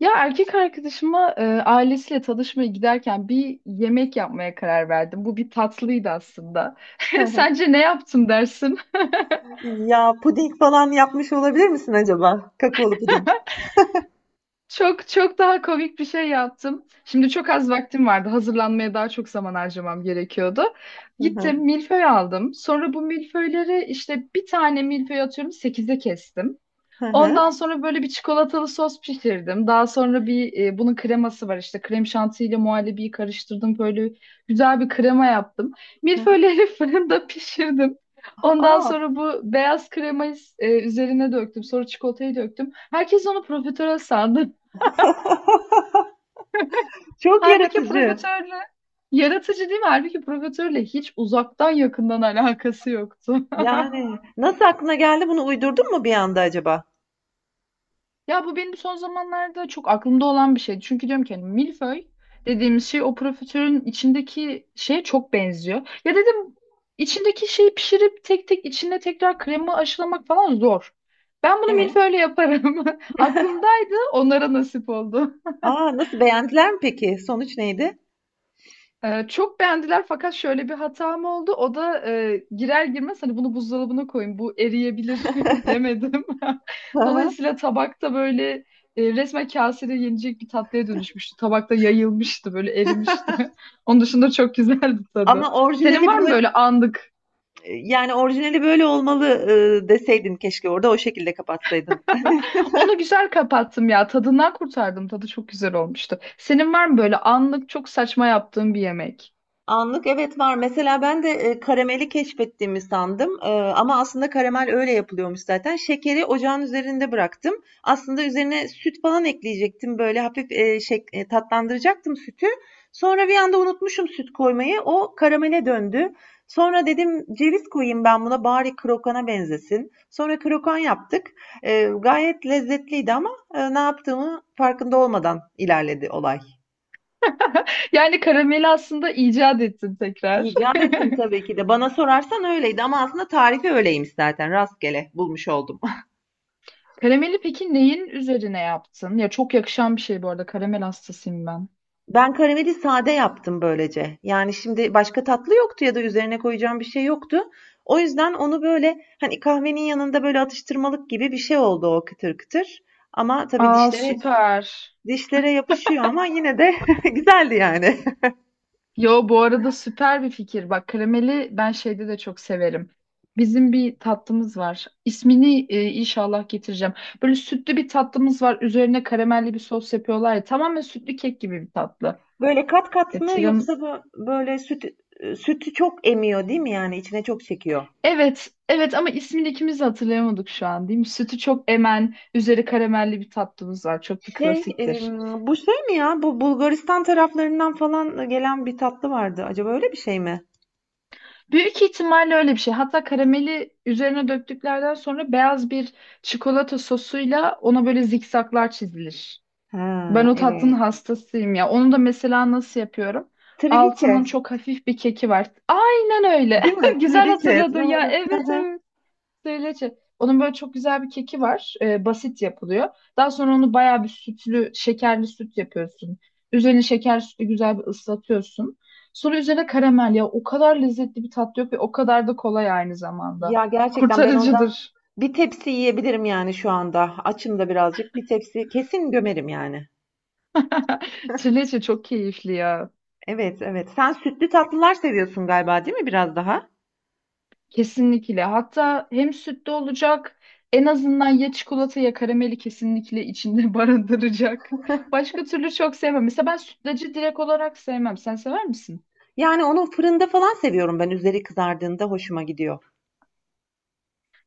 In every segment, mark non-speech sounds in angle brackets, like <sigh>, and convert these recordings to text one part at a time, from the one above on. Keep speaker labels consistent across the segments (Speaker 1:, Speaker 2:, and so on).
Speaker 1: Ya erkek arkadaşıma ailesiyle tanışmaya giderken bir yemek yapmaya karar verdim. Bu bir tatlıydı aslında.
Speaker 2: <laughs> Hı
Speaker 1: <laughs>
Speaker 2: hı.
Speaker 1: Sence ne yaptım dersin?
Speaker 2: Ya puding falan yapmış olabilir misin acaba? Kakaolu puding.
Speaker 1: Çok çok daha komik bir şey yaptım. Şimdi çok az vaktim vardı. Hazırlanmaya daha çok zaman harcamam gerekiyordu.
Speaker 2: Hı
Speaker 1: Gittim
Speaker 2: hı.
Speaker 1: milföy aldım. Sonra bu milföyleri işte bir tane milföy atıyorum sekize kestim.
Speaker 2: Hı hı.
Speaker 1: Ondan sonra böyle bir çikolatalı sos pişirdim. Daha sonra bunun kreması var işte krem şantiyle muhallebiyi karıştırdım. Böyle güzel bir krema yaptım. Milföyleri <laughs> fırında pişirdim. Ondan
Speaker 2: Aa,
Speaker 1: sonra bu beyaz kremayı üzerine döktüm. Sonra çikolatayı döktüm. Herkes onu profiterol sandı. <laughs>
Speaker 2: <laughs> çok
Speaker 1: Halbuki
Speaker 2: yaratıcı.
Speaker 1: profiterole yaratıcı değil mi? Halbuki profiterole hiç uzaktan yakından alakası yoktu.
Speaker 2: Yani nasıl aklına geldi bunu uydurdun mu bir anda acaba?
Speaker 1: Ya bu benim son zamanlarda çok aklımda olan bir şeydi. Çünkü diyorum ki hani milföy dediğimiz şey o profiterolün içindeki şeye çok benziyor. Ya dedim içindeki şeyi pişirip tek tek içine tekrar kremi aşılamak falan zor. Ben bunu
Speaker 2: Evet.
Speaker 1: milföyle yaparım. <laughs> Aklımdaydı, onlara nasip oldu.
Speaker 2: Aa, nasıl beğendiler mi peki? Sonuç neydi?
Speaker 1: Çok beğendiler fakat şöyle bir hatam oldu. O da girer girmez hani bunu buzdolabına koyun bu eriyebilir <laughs> demedim.
Speaker 2: Hı
Speaker 1: <laughs>
Speaker 2: hı.
Speaker 1: Dolayısıyla tabakta böyle resmen kasede yenecek bir tatlıya dönüşmüştü. Tabakta yayılmıştı böyle erimişti. <laughs> Onun dışında çok güzeldi
Speaker 2: Ama
Speaker 1: tadı. Senin
Speaker 2: orijinali
Speaker 1: var mı
Speaker 2: böyle
Speaker 1: böyle anlık?
Speaker 2: yani orijinali böyle olmalı. Deseydin keşke orada o şekilde kapatsaydın.
Speaker 1: Onu güzel kapattım ya tadından kurtardım tadı çok güzel olmuştu. Senin var mı böyle anlık çok saçma yaptığın bir yemek?
Speaker 2: Anlık evet var. Mesela ben de karameli keşfettiğimi sandım. Ama aslında karamel öyle yapılıyormuş zaten. Şekeri ocağın üzerinde bıraktım. Aslında üzerine süt falan ekleyecektim. Böyle hafif tatlandıracaktım sütü. Sonra bir anda unutmuşum süt koymayı. O karamele döndü. Sonra dedim ceviz koyayım ben buna bari krokana benzesin. Sonra krokan yaptık. Gayet lezzetliydi ama ne yaptığımı farkında olmadan ilerledi olay.
Speaker 1: Yani karameli aslında icat ettin tekrar.
Speaker 2: İcat ettim
Speaker 1: <laughs>
Speaker 2: tabii ki de. Bana sorarsan öyleydi ama aslında tarifi öyleymiş zaten. Rastgele bulmuş oldum. <laughs>
Speaker 1: Karameli peki neyin üzerine yaptın? Ya çok yakışan bir şey bu arada. Karamel hastasıyım ben.
Speaker 2: Ben karameli sade yaptım böylece. Yani şimdi başka tatlı yoktu ya da üzerine koyacağım bir şey yoktu. O yüzden onu böyle hani kahvenin yanında böyle atıştırmalık gibi bir şey oldu o kıtır kıtır. Ama tabii
Speaker 1: Aa,
Speaker 2: dişlere
Speaker 1: süper.
Speaker 2: dişlere yapışıyor ama yine de <laughs> güzeldi yani.
Speaker 1: Yo, bu arada süper bir fikir. Bak, karameli ben şeyde de çok severim. Bizim bir tatlımız var. İsmini inşallah getireceğim. Böyle sütlü bir tatlımız var. Üzerine karamelli bir sos yapıyorlar ya. Tamamen sütlü kek gibi bir tatlı.
Speaker 2: <laughs> Böyle kat kat mı
Speaker 1: Getirim.
Speaker 2: yoksa bu- böyle sütü çok emiyor değil mi yani içine çok çekiyor?
Speaker 1: Evet, evet, ama ismini ikimiz de hatırlayamadık şu an değil mi? Sütü çok emen, üzeri karamelli bir tatlımız var. Çok da
Speaker 2: Şey,
Speaker 1: klasiktir.
Speaker 2: em, Bu şey mi ya? Bu Bulgaristan taraflarından falan gelen bir tatlı vardı. Acaba öyle bir şey mi?
Speaker 1: Büyük ihtimalle öyle bir şey. Hatta karameli üzerine döktüklerden sonra beyaz bir çikolata sosuyla ona böyle zikzaklar çizilir. Ben
Speaker 2: Ha,
Speaker 1: o tatlının
Speaker 2: evet.
Speaker 1: hastasıyım ya. Onu da mesela nasıl yapıyorum?
Speaker 2: Triliçe.
Speaker 1: Altının çok hafif bir keki var. Aynen öyle.
Speaker 2: Değil mi?
Speaker 1: <laughs> Güzel
Speaker 2: Triliçe. <laughs>
Speaker 1: hatırladın ya.
Speaker 2: Doğru. Hı
Speaker 1: Evet,
Speaker 2: hı.
Speaker 1: evet. Trileçe. Onun böyle çok güzel bir keki var. Basit yapılıyor. Daha sonra onu bayağı bir sütlü, şekerli süt yapıyorsun. Üzerine şeker sütü güzel bir ıslatıyorsun. Sonra üzerine karamel ya. O kadar lezzetli bir tat yok ve o kadar da kolay aynı zamanda.
Speaker 2: Ya gerçekten ben ondan
Speaker 1: Kurtarıcıdır.
Speaker 2: bir tepsi yiyebilirim yani şu anda. Açım da birazcık. Bir tepsi kesin gömerim yani.
Speaker 1: <laughs> Trileçe çok keyifli ya.
Speaker 2: Evet, evet. Sen sütlü tatlılar seviyorsun galiba, değil mi biraz daha?
Speaker 1: Kesinlikle. Hatta hem sütlü olacak, en azından ya çikolata ya karameli kesinlikle içinde <laughs> barındıracak. Başka türlü çok sevmem. Mesela ben sütlacı direkt olarak sevmem. Sen sever misin?
Speaker 2: Yani onu fırında falan seviyorum ben. Üzeri kızardığında hoşuma gidiyor.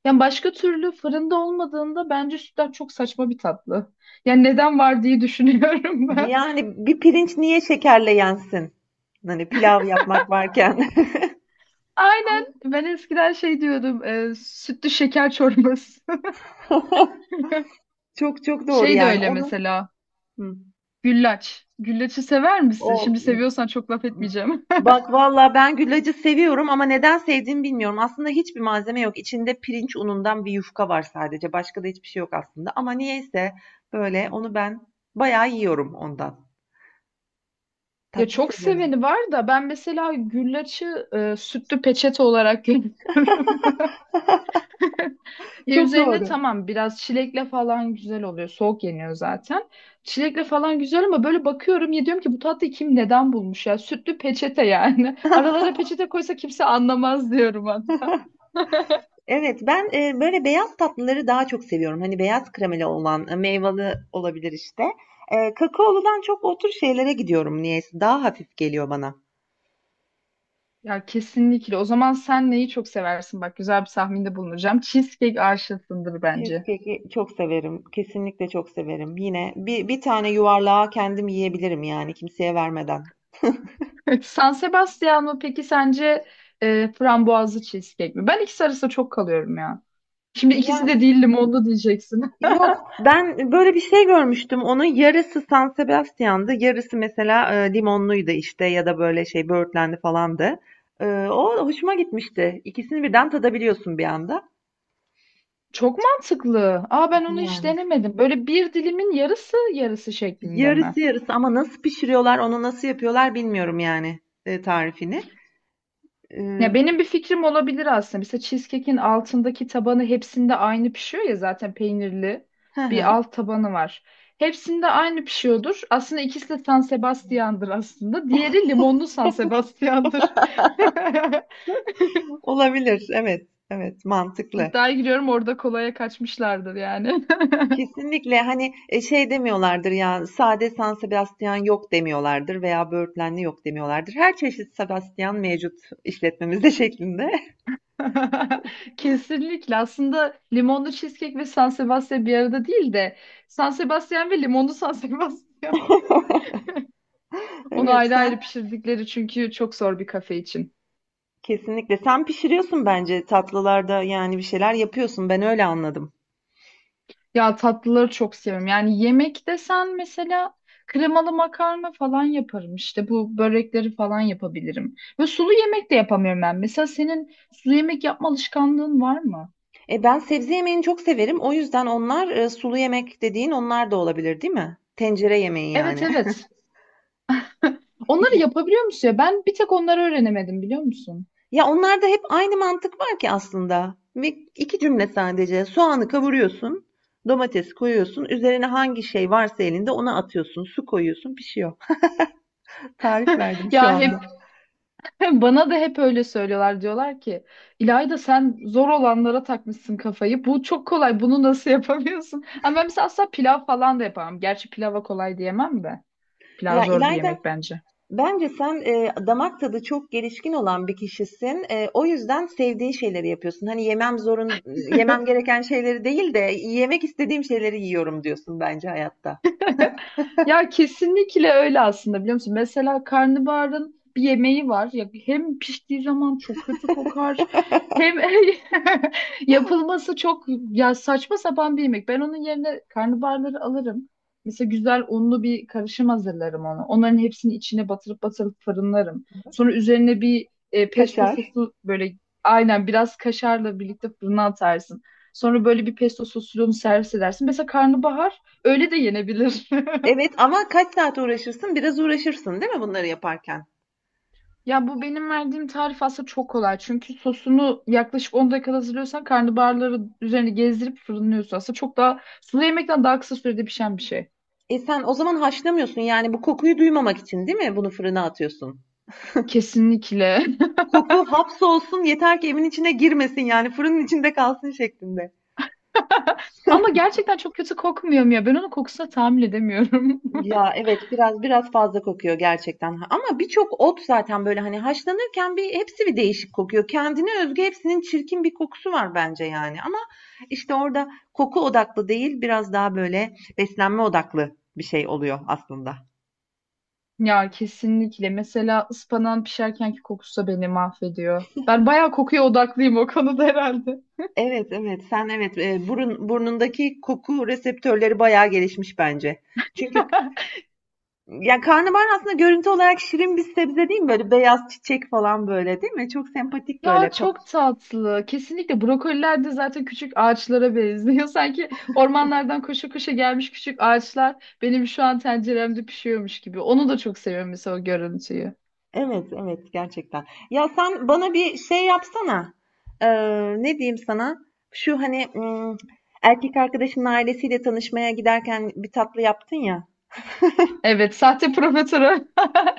Speaker 1: Yani başka türlü fırında olmadığında bence sütlaç çok saçma bir tatlı. Yani neden var diye düşünüyorum <laughs> ben.
Speaker 2: Yani bir pirinç niye şekerle yensin? Hani pilav yapmak varken.
Speaker 1: Aynen. Ben eskiden şey diyordum. Sütlü şeker çorbası.
Speaker 2: <laughs>
Speaker 1: <laughs>
Speaker 2: Çok çok doğru
Speaker 1: Şey de
Speaker 2: yani.
Speaker 1: öyle
Speaker 2: Onun
Speaker 1: mesela. Güllaç. Güllaçı sever
Speaker 2: o
Speaker 1: misin? Şimdi seviyorsan çok laf etmeyeceğim. <laughs>
Speaker 2: bak valla ben güllacı seviyorum ama neden sevdiğimi bilmiyorum. Aslında hiçbir malzeme yok. İçinde pirinç unundan bir yufka var sadece. Başka da hiçbir şey yok aslında. Ama niyeyse böyle onu ben bayağı yiyorum ondan.
Speaker 1: Ya
Speaker 2: Tatlı
Speaker 1: çok
Speaker 2: seviyorum.
Speaker 1: seveni var da ben mesela güllaçı sütlü peçete olarak görüyorum. <laughs> Ya
Speaker 2: Çok
Speaker 1: üzerine
Speaker 2: doğru.
Speaker 1: tamam biraz çilekle falan güzel oluyor. Soğuk yeniyor zaten. Çilekle falan güzel ama böyle bakıyorum ya diyorum ki bu tatlıyı kim neden bulmuş ya? Sütlü peçete yani. <laughs> Aralara
Speaker 2: <laughs>
Speaker 1: peçete koysa kimse anlamaz diyorum hatta.
Speaker 2: Evet ben böyle beyaz tatlıları daha çok seviyorum. Hani beyaz kremeli olan meyveli olabilir işte. Kakaoludan çok o tür şeylere gidiyorum niyeyse. Daha hafif geliyor bana.
Speaker 1: Ya kesinlikle. O zaman sen neyi çok seversin? Bak, güzel bir tahminde bulunacağım. Cheesecake aşısındır bence.
Speaker 2: Cheesecake'i çok severim. Kesinlikle çok severim. Yine bir tane yuvarlağa kendim yiyebilirim yani kimseye vermeden.
Speaker 1: <laughs> San Sebastian mı peki sence frambuazlı cheesecake mi? Ben ikisi arasında çok kalıyorum ya. Şimdi ikisi de
Speaker 2: Yani
Speaker 1: değil, limonlu diyeceksin.
Speaker 2: yok ben böyle bir şey görmüştüm. Onun yarısı San Sebastian'dı. Yarısı mesela limonluydu işte ya da böyle şey böğürtlendi falandı. O hoşuma gitmişti. İkisini birden tadabiliyorsun bir anda.
Speaker 1: Çok mantıklı. Aa, ben onu hiç
Speaker 2: Yani.
Speaker 1: denemedim. Böyle bir dilimin yarısı yarısı şeklinde
Speaker 2: Yarısı
Speaker 1: mi?
Speaker 2: yarısı ama nasıl pişiriyorlar onu nasıl yapıyorlar bilmiyorum yani tarifini. E,
Speaker 1: Ya benim bir fikrim olabilir aslında. Mesela cheesecake'in altındaki tabanı hepsinde aynı pişiyor ya zaten peynirli
Speaker 2: hı
Speaker 1: bir
Speaker 2: hı.
Speaker 1: alt tabanı var. Hepsinde aynı pişiyordur. Aslında ikisi de San Sebastian'dır aslında. Diğeri limonlu San Sebastian'dır. <laughs>
Speaker 2: Olabilir, evet evet, mantıklı.
Speaker 1: İddiaya giriyorum orada kolaya kaçmışlardır yani. <laughs>
Speaker 2: Kesinlikle hani şey demiyorlardır ya sade San Sebastian yok demiyorlardır veya böğürtlenli yok demiyorlardır. Her çeşit Sebastian mevcut işletmemizde şeklinde.
Speaker 1: <laughs> Kesinlikle. Aslında limonlu cheesecake ve San Sebastian bir arada değil de San Sebastian ve limonlu San Sebastian.
Speaker 2: <laughs>
Speaker 1: <laughs> Onu
Speaker 2: Evet
Speaker 1: ayrı
Speaker 2: sen
Speaker 1: ayrı pişirdikleri çünkü çok zor bir kafe için.
Speaker 2: kesinlikle sen pişiriyorsun bence tatlılarda yani bir şeyler yapıyorsun ben öyle anladım.
Speaker 1: Ya tatlıları çok seviyorum. Yani yemek desen mesela kremalı makarna falan yaparım. İşte bu börekleri falan yapabilirim. Ve sulu yemek de yapamıyorum ben. Mesela senin sulu yemek yapma alışkanlığın var mı?
Speaker 2: E ben sebze yemeğini çok severim o yüzden onlar sulu yemek dediğin onlar da olabilir değil mi? Tencere yemeği
Speaker 1: Evet,
Speaker 2: yani.
Speaker 1: evet. <laughs> Onları
Speaker 2: <laughs>
Speaker 1: yapabiliyor musun ya? Ben bir tek onları öğrenemedim, biliyor musun?
Speaker 2: Ya onlarda hep aynı mantık var ki aslında. Ve iki cümle sadece. Soğanı kavuruyorsun, domates koyuyorsun, üzerine hangi şey varsa elinde onu atıyorsun, su koyuyorsun, pişiyor. <laughs> Tarif verdim
Speaker 1: <laughs>
Speaker 2: şu
Speaker 1: Ya hep
Speaker 2: anda.
Speaker 1: Hem Bana da hep öyle söylüyorlar. Diyorlar ki İlayda, sen zor olanlara takmışsın kafayı. Bu çok kolay. Bunu nasıl <laughs> yapamıyorsun? Ama ben mesela asla pilav falan da yapamam. Gerçi pilava kolay diyemem de. Pilav
Speaker 2: Ya
Speaker 1: zor bir
Speaker 2: İlayda,
Speaker 1: yemek bence.
Speaker 2: bence sen damak tadı çok gelişkin olan bir kişisin. O yüzden sevdiğin şeyleri yapıyorsun. Hani yemem zorun, yemem gereken şeyleri değil de yemek istediğim şeyleri yiyorum diyorsun bence hayatta.
Speaker 1: <laughs> Ya kesinlikle öyle aslında, biliyor musun? Mesela karnabaharın bir yemeği var. Ya hem piştiği zaman çok kötü kokar. Hem <laughs> yapılması çok ya saçma sapan bir yemek. Ben onun yerine karnabaharları alırım. Mesela güzel unlu bir karışım hazırlarım onu. Onların hepsini içine batırıp batırıp fırınlarım. Sonra üzerine bir pesto
Speaker 2: Kaşar.
Speaker 1: sosu böyle aynen biraz kaşarla birlikte fırına atarsın. Sonra böyle bir pesto sosunu servis edersin. Mesela karnabahar öyle de yenebilir. <laughs>
Speaker 2: Evet ama kaç saat uğraşırsın? Biraz uğraşırsın, değil mi bunları yaparken?
Speaker 1: Ya bu benim verdiğim tarif aslında çok kolay. Çünkü sosunu yaklaşık 10 dakikada hazırlıyorsan karnabaharları üzerine gezdirip fırınlıyorsun. Aslında çok daha sulu yemekten daha kısa sürede pişen bir şey.
Speaker 2: E sen o zaman haşlamıyorsun yani bu kokuyu duymamak için değil mi bunu fırına atıyorsun?
Speaker 1: Kesinlikle.
Speaker 2: Koku hapsolsun yeter ki evin içine girmesin yani fırının içinde kalsın şeklinde.
Speaker 1: <laughs> Ama gerçekten çok kötü kokmuyor mu ya? Ben onun kokusuna tahammül edemiyorum. <laughs>
Speaker 2: Ya evet biraz fazla kokuyor gerçekten. Ama birçok ot zaten böyle hani haşlanırken bir hepsi bir değişik kokuyor. Kendine özgü hepsinin çirkin bir kokusu var bence yani. Ama işte orada koku odaklı değil biraz daha böyle beslenme odaklı bir şey oluyor aslında.
Speaker 1: Ya kesinlikle. Mesela ıspanağın pişerkenki kokusu da beni mahvediyor. Ben bayağı kokuya odaklıyım o konuda herhalde.
Speaker 2: Evet, evet. Sen evet, burun burnundaki koku reseptörleri bayağı gelişmiş bence. Çünkü
Speaker 1: <laughs>
Speaker 2: ya karnabahar aslında görüntü olarak şirin bir sebze değil mi? Böyle beyaz çiçek falan böyle değil mi? Çok sempatik böyle.
Speaker 1: Ya çok tatlı. Kesinlikle brokoliler de zaten küçük ağaçlara benziyor. <laughs> Sanki ormanlardan koşa koşa gelmiş küçük ağaçlar benim şu an tenceremde pişiyormuş gibi. Onu da çok seviyorum mesela o görüntüyü.
Speaker 2: Evet, evet gerçekten. Ya sen bana bir şey yapsana. Ne diyeyim sana? Şu hani erkek arkadaşının ailesiyle tanışmaya giderken bir tatlı yaptın ya.
Speaker 1: Evet, sahte profiterol. <laughs>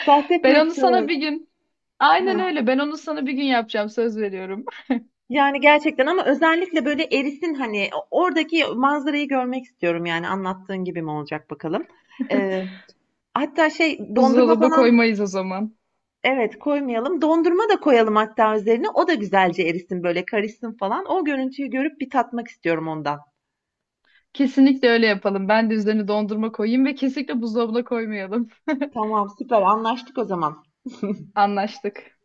Speaker 2: Sahte
Speaker 1: Ben onu
Speaker 2: profiterol.
Speaker 1: sana bir gün, aynen öyle. Ben onu sana bir gün yapacağım, söz veriyorum.
Speaker 2: Yani, gerçekten ama özellikle, böyle, erisin, hani, oradaki manzarayı görmek istiyorum, yani, anlattığın gibi mi olacak bakalım.
Speaker 1: <laughs>
Speaker 2: Eee, Hatta şey, dondurma
Speaker 1: Buzdolabı
Speaker 2: falan.
Speaker 1: koymayız o zaman.
Speaker 2: Evet, koymayalım. Dondurma da koyalım hatta üzerine. O da güzelce erisin, böyle, karışsın falan. O görüntüyü görüp bir tatmak istiyorum ondan.
Speaker 1: Kesinlikle öyle yapalım. Ben de üzerine dondurma koyayım ve kesinlikle buzdolabına koymayalım.
Speaker 2: Tamam, süper anlaştık o zaman.
Speaker 1: Anlaştık.